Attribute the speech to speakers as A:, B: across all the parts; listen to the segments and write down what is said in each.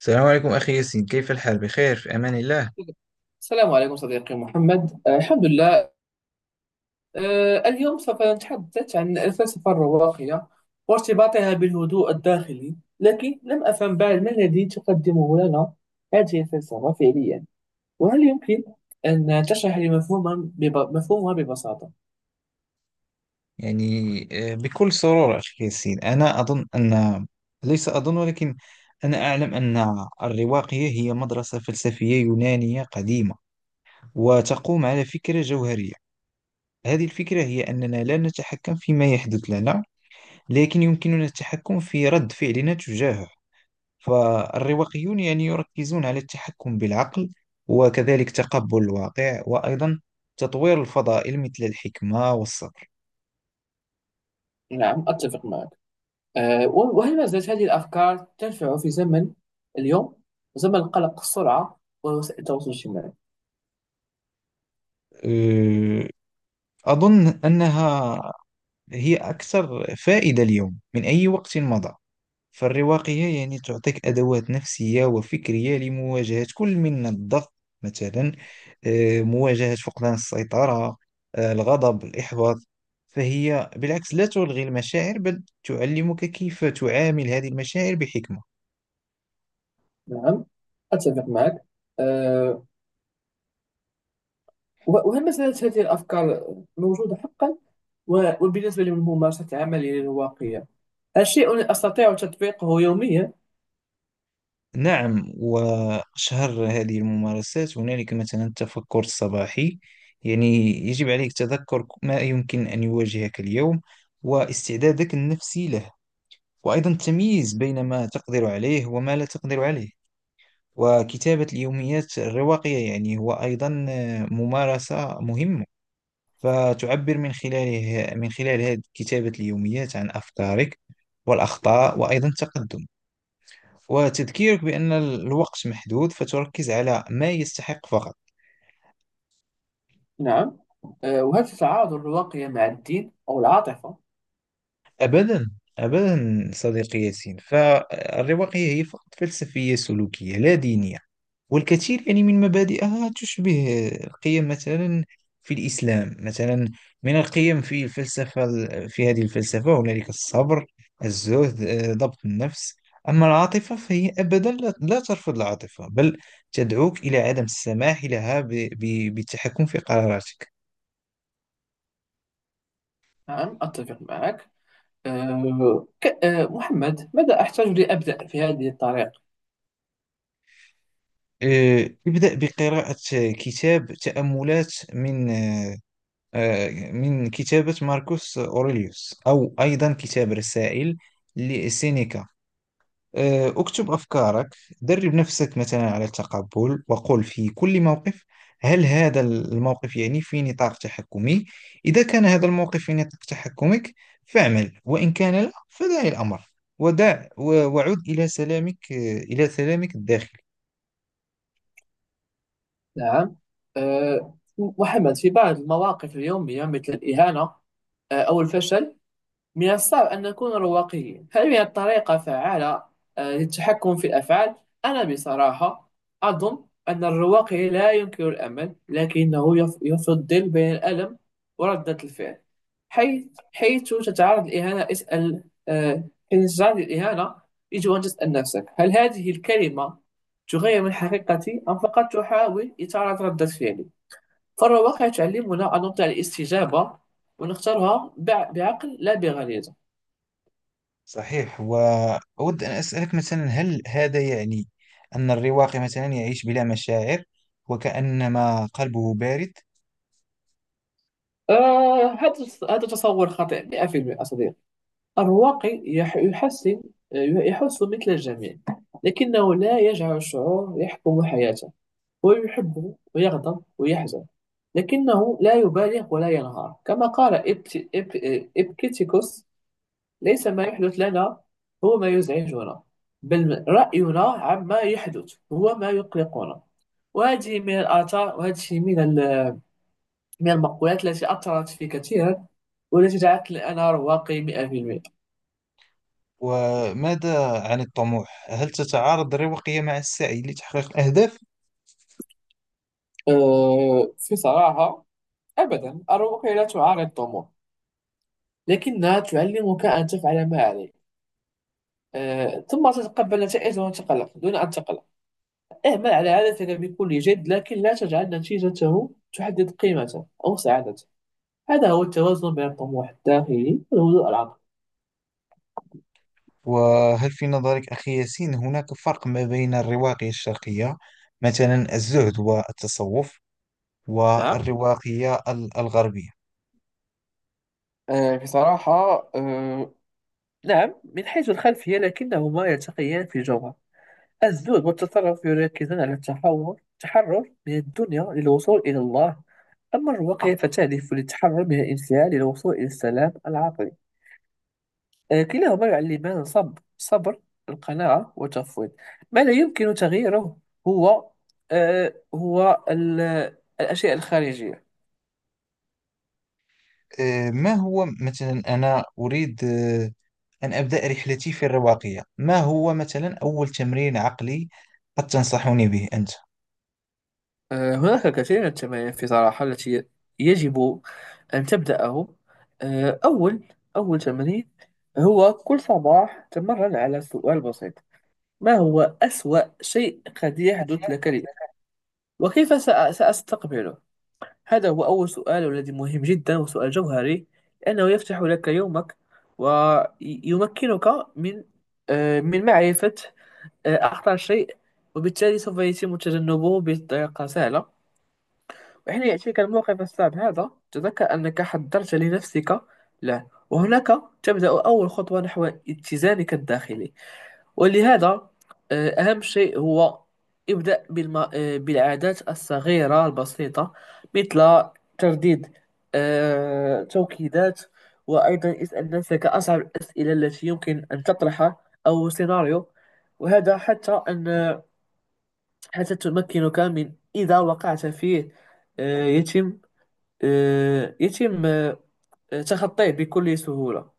A: السلام عليكم أخي ياسين، كيف الحال؟ بخير في أمان الله.
B: السلام عليكم صديقي محمد. الحمد لله. اليوم سوف نتحدث عن الفلسفة الرواقية وارتباطها بالهدوء الداخلي، لكن لم أفهم بعد ما الذي تقدمه لنا هذه الفلسفة فعليا. وهل يمكن أن تشرح لي مفهومها مفهومها ببساطة؟
A: يعني بكل سرور أخي ياسين. أنا أظن أن، ليس أظن ولكن أنا أعلم أن الرواقية هي مدرسة فلسفية يونانية قديمة، وتقوم على فكرة جوهرية. هذه الفكرة هي أننا لا نتحكم فيما يحدث لنا، لكن يمكننا التحكم في رد فعلنا تجاهه. فالرواقيون يعني يركزون على التحكم بالعقل، وكذلك تقبل الواقع، وأيضا تطوير الفضائل مثل الحكمة والصبر.
B: نعم، أتفق معك. وهل ما زالت هذه الأفكار تنفع في زمن اليوم، زمن قلق السرعة ووسائل التواصل الاجتماعي؟
A: أه، أظن أنها هي أكثر فائدة اليوم من أي وقت مضى. فالرواقية يعني تعطيك أدوات نفسية وفكرية لمواجهة كل من الضغط، مثلا مواجهة فقدان السيطرة، الغضب، الإحباط. فهي بالعكس لا تلغي المشاعر، بل تعلمك كيف تعامل هذه المشاعر بحكمة.
B: نعم، أتفق معك. آه، وهل مسألة هذه الأفكار موجودة حقا؟ وبالنسبة لممارسة عملي للواقية، هل شيء أستطيع تطبيقه يوميا؟
A: نعم، وأشهر هذه الممارسات هنالك مثلا التفكر الصباحي. يعني يجب عليك تذكر ما يمكن أن يواجهك اليوم، واستعدادك النفسي له، وأيضا التمييز بين ما تقدر عليه وما لا تقدر عليه. وكتابة اليوميات الرواقية يعني هو أيضا ممارسة مهمة. فتعبر من خلاله، من خلال هذه كتابة اليوميات، عن أفكارك والأخطاء، وأيضا التقدم، وتذكيرك بأن الوقت محدود فتركز على ما يستحق فقط.
B: نعم. وهل تتعارض الواقية مع الدين أو العاطفة؟
A: أبدا، أبدا صديقي ياسين. فالرواقية هي فقط فلسفية سلوكية لا دينية. والكثير يعني من مبادئها تشبه القيم، مثلا في الإسلام، مثلا من القيم في الفلسفة، في هذه الفلسفة هنالك الصبر، الزهد، ضبط النفس. أما العاطفة فهي أبدا لا، لا ترفض العاطفة، بل تدعوك إلى عدم السماح لها بالتحكم في قراراتك.
B: نعم، أتفق معك. محمد، ماذا أحتاج لأبدأ في هذه الطريق؟
A: ابدأ بقراءة كتاب تأملات من، من كتابة ماركوس أوريليوس، أو أيضا كتاب رسائل لسينيكا. اكتب أفكارك، درب نفسك مثلا على التقبل، وقل في كل موقف: هل هذا الموقف يعني في نطاق تحكمي؟ إذا كان هذا الموقف في نطاق تحكمك فاعمل، وإن كان لا فدع الأمر، وعد إلى سلامك، إلى سلامك الداخلي.
B: نعم. محمد، في بعض المواقف اليومية مثل الإهانة أو الفشل، من الصعب أن نكون رواقيين. هل من طريقة فعالة للتحكم في الأفعال؟ أنا بصراحة أظن أن الرواقي لا ينكر الأمل، لكنه يفضل بين الألم وردة الفعل. حيث حيث تتعرض للإهانة اسأل، حين تتعرض للإهانة يجب أن تسأل نفسك، هل هذه الكلمة تغير من حقيقتي أم فقط تحاول إثارة ردة فعلي؟ فالرواقي تعلمنا أن نطيع الاستجابة ونختارها بعقل لا بغريزة.
A: صحيح، وأود أن أسألك مثلا: هل هذا يعني أن الرواقي مثلا يعيش بلا مشاعر، وكأنما قلبه بارد؟
B: آه هذا هذا تصور خاطئ 100% صديقي. الواقع آه، يحس مثل الجميع، لكنه لا يجعل الشعور يحكم حياته. هو يحب ويغضب ويحزن، لكنه لا يبالغ ولا ينهار. كما قال إبكتيكوس: ليس ما يحدث لنا هو ما يزعجنا، بل رأينا عما يحدث هو ما يقلقنا. وهذه من الآثار وهذه من ال من المقولات التي أثرت في كثيرا، والتي جعلتني أنا رواقي 100%.
A: وماذا عن الطموح؟ هل تتعارض الرواقية مع السعي لتحقيق الأهداف؟
B: في صراحة، أبدا الرواقية لا تعارض الطموح، لكنها تعلمك أن تفعل ما عليك، ثم تتقبل النتائج دون تقلق، دون أن تقلق. اعمل على هدفك بكل جد، لكن لا تجعل نتيجته تحدد قيمته أو سعادته. هذا هو التوازن بين الطموح الداخلي والهدوء العقلي.
A: وهل في نظرك أخي ياسين هناك فرق ما بين الرواقية الشرقية، مثلا الزهد والتصوف،
B: نعم.
A: والرواقية الغربية؟
B: بصراحة، نعم، من حيث الخلفية، لكنهما يلتقيان في الجوهر. الزهد والتطرف يركزون على التحول، التحرر من الدنيا للوصول إلى الله. أما الرواقية فتهدف للتحرر من الانفعال للوصول إلى السلام العقلي. كلاهما يعلمان الصبر، صبر القناعة والتفويض. ما لا يمكن تغييره هو آه، هو ال- الأشياء الخارجية.
A: ما هو مثلا، أنا أريد أن أبدأ رحلتي في الرواقية، ما هو مثلا أول تمرين عقلي قد تنصحني به أنت؟
B: هناك الكثير من التمارين في صراحة، التي يجب أن تبدأه. آه، أول أول تمرين هو كل صباح تمرن على سؤال بسيط: ما هو أسوأ شيء قد يحدث لك، لي، وكيف سأستقبله؟ هذا هو أول سؤال، والذي مهم جدا، وسؤال جوهري لأنه يفتح لك يومك ويمكنك من من معرفة أخطر شيء، وبالتالي سوف يتم تجنبه بطريقة سهلة. وحين يأتيك الموقف الصعب هذا، تذكر أنك حضرت لنفسك له، وهناك تبدأ أول خطوة نحو اتزانك الداخلي. ولهذا أهم شيء هو: ابدأ بالم... آه، بالعادات الصغيرة البسيطة، مثل ترديد توكيدات، وأيضا اسأل نفسك أصعب الأسئلة التي يمكن أن تطرحها، أو سيناريو، وهذا حتى تمكنك من، إذا وقعت فيه، آه، يتم يتم تخطيه بكل سهولة.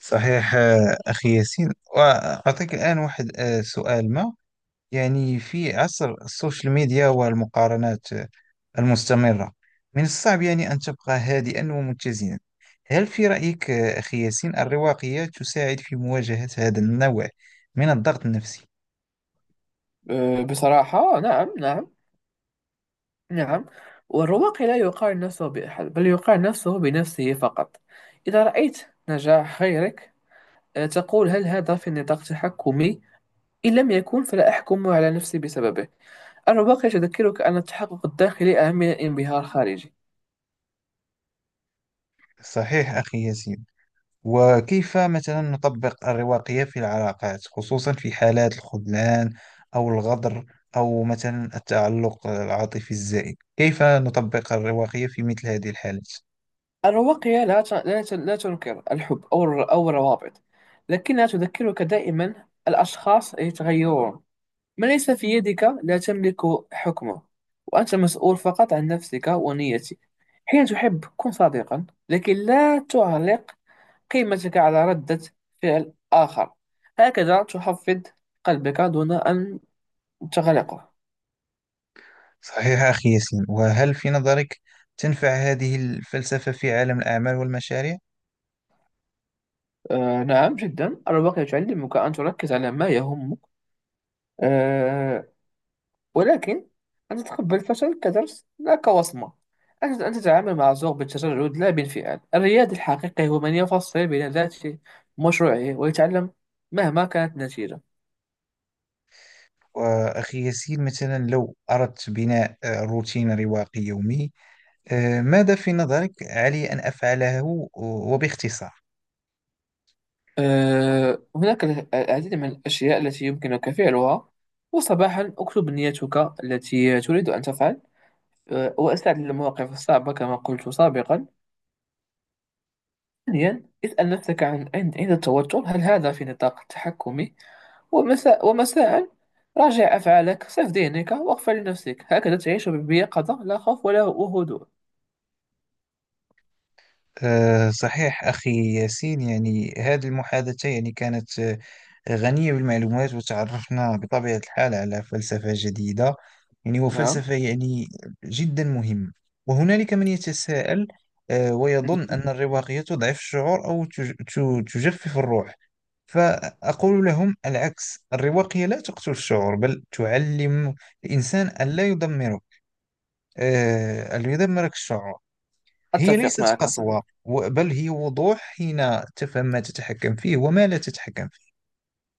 A: صحيح أخي ياسين. وأعطيك الآن واحد سؤال ما، يعني في عصر السوشيال ميديا والمقارنات المستمرة، من الصعب يعني أن تبقى هادئا ومتزنا. هل في رأيك أخي ياسين الرواقية تساعد في مواجهة هذا النوع من الضغط النفسي؟
B: بصراحة، نعم، نعم، نعم. والرواقي لا يقارن نفسه بأحد، بل يقارن نفسه بنفسه فقط. إذا رأيت نجاح غيرك، تقول هل هذا في نطاق تحكمي؟ إن لم يكن فلا أحكم على نفسي بسببه. الرواقي تذكرك أن التحقق الداخلي أهم من الانبهار الخارجي.
A: صحيح أخي ياسين، وكيف مثلا نطبق الرواقية في العلاقات، خصوصا في حالات الخذلان أو الغدر، أو مثلا التعلق العاطفي الزائد؟ كيف نطبق الرواقية في مثل هذه الحالات؟
B: الرواقية لا تنكر الحب أو أو الروابط، لكنها تذكرك دائما: الأشخاص يتغيرون، ما ليس في يدك لا تملك حكمه، وأنت مسؤول فقط عن نفسك ونيتك. حين تحب كن صادقا، لكن لا تعلق قيمتك على ردة فعل آخر. هكذا تحفظ قلبك دون أن تغلقه.
A: صحيح أخي ياسين، وهل في نظرك تنفع هذه الفلسفة في عالم الأعمال والمشاريع؟
B: نعم، جدا. الواقع يعلمك أن تركز على ما يهمك، آه ولكن أن تتقبل الفشل كدرس لا كوصمة، أن تتعامل مع الذوق بالتجرد لا بانفعال. الرياد الحقيقي هو من يفصل بين ذاته ومشروعه ويتعلم مهما كانت النتيجة.
A: وأخي ياسين مثلا، لو أردت بناء روتين رواقي يومي، ماذا في نظرك علي أن أفعله وباختصار؟
B: هناك العديد من الأشياء التي يمكنك فعلها. وصباحا اكتب نيتك التي تريد أن تفعل، واستعد للمواقف الصعبة كما قلت سابقا. ثانيا، اسأل نفسك عن عند عند التوتر، هل هذا في نطاق تحكمي؟ ومساء راجع أفعالك، صف ذهنك، واغفر لنفسك. هكذا تعيش بيقظة، لا خوف ولا هدوء.
A: صحيح أخي ياسين. يعني هذه المحادثة يعني كانت غنية بالمعلومات، وتعرفنا بطبيعة الحال على فلسفة جديدة، يعني
B: نعم،
A: وفلسفة يعني جدا مهمة. وهنالك من يتساءل ويظن أن الرواقية تضعف الشعور، أو تجفف الروح. فأقول لهم العكس: الرواقية لا تقتل الشعور، بل تعلم الإنسان ألا يدمره، ألا يدمرك الشعور. هي
B: أتفق
A: ليست
B: معك
A: قسوة
B: صديقي.
A: و- بل هي وضوح، حين تفهم ما تتحكم فيه وما لا تتحكم فيه.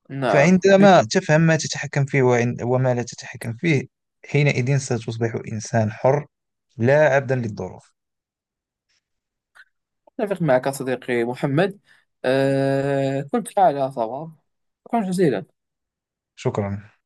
B: نعم،
A: فعندما تفهم ما تتحكم فيه وما لا تتحكم فيه، حينئذ ستصبح إنسان حر، لا عبدا للظروف.
B: أتفق معك صديقي محمد. كنت على صواب. شكرا جزيلا.
A: شكرا.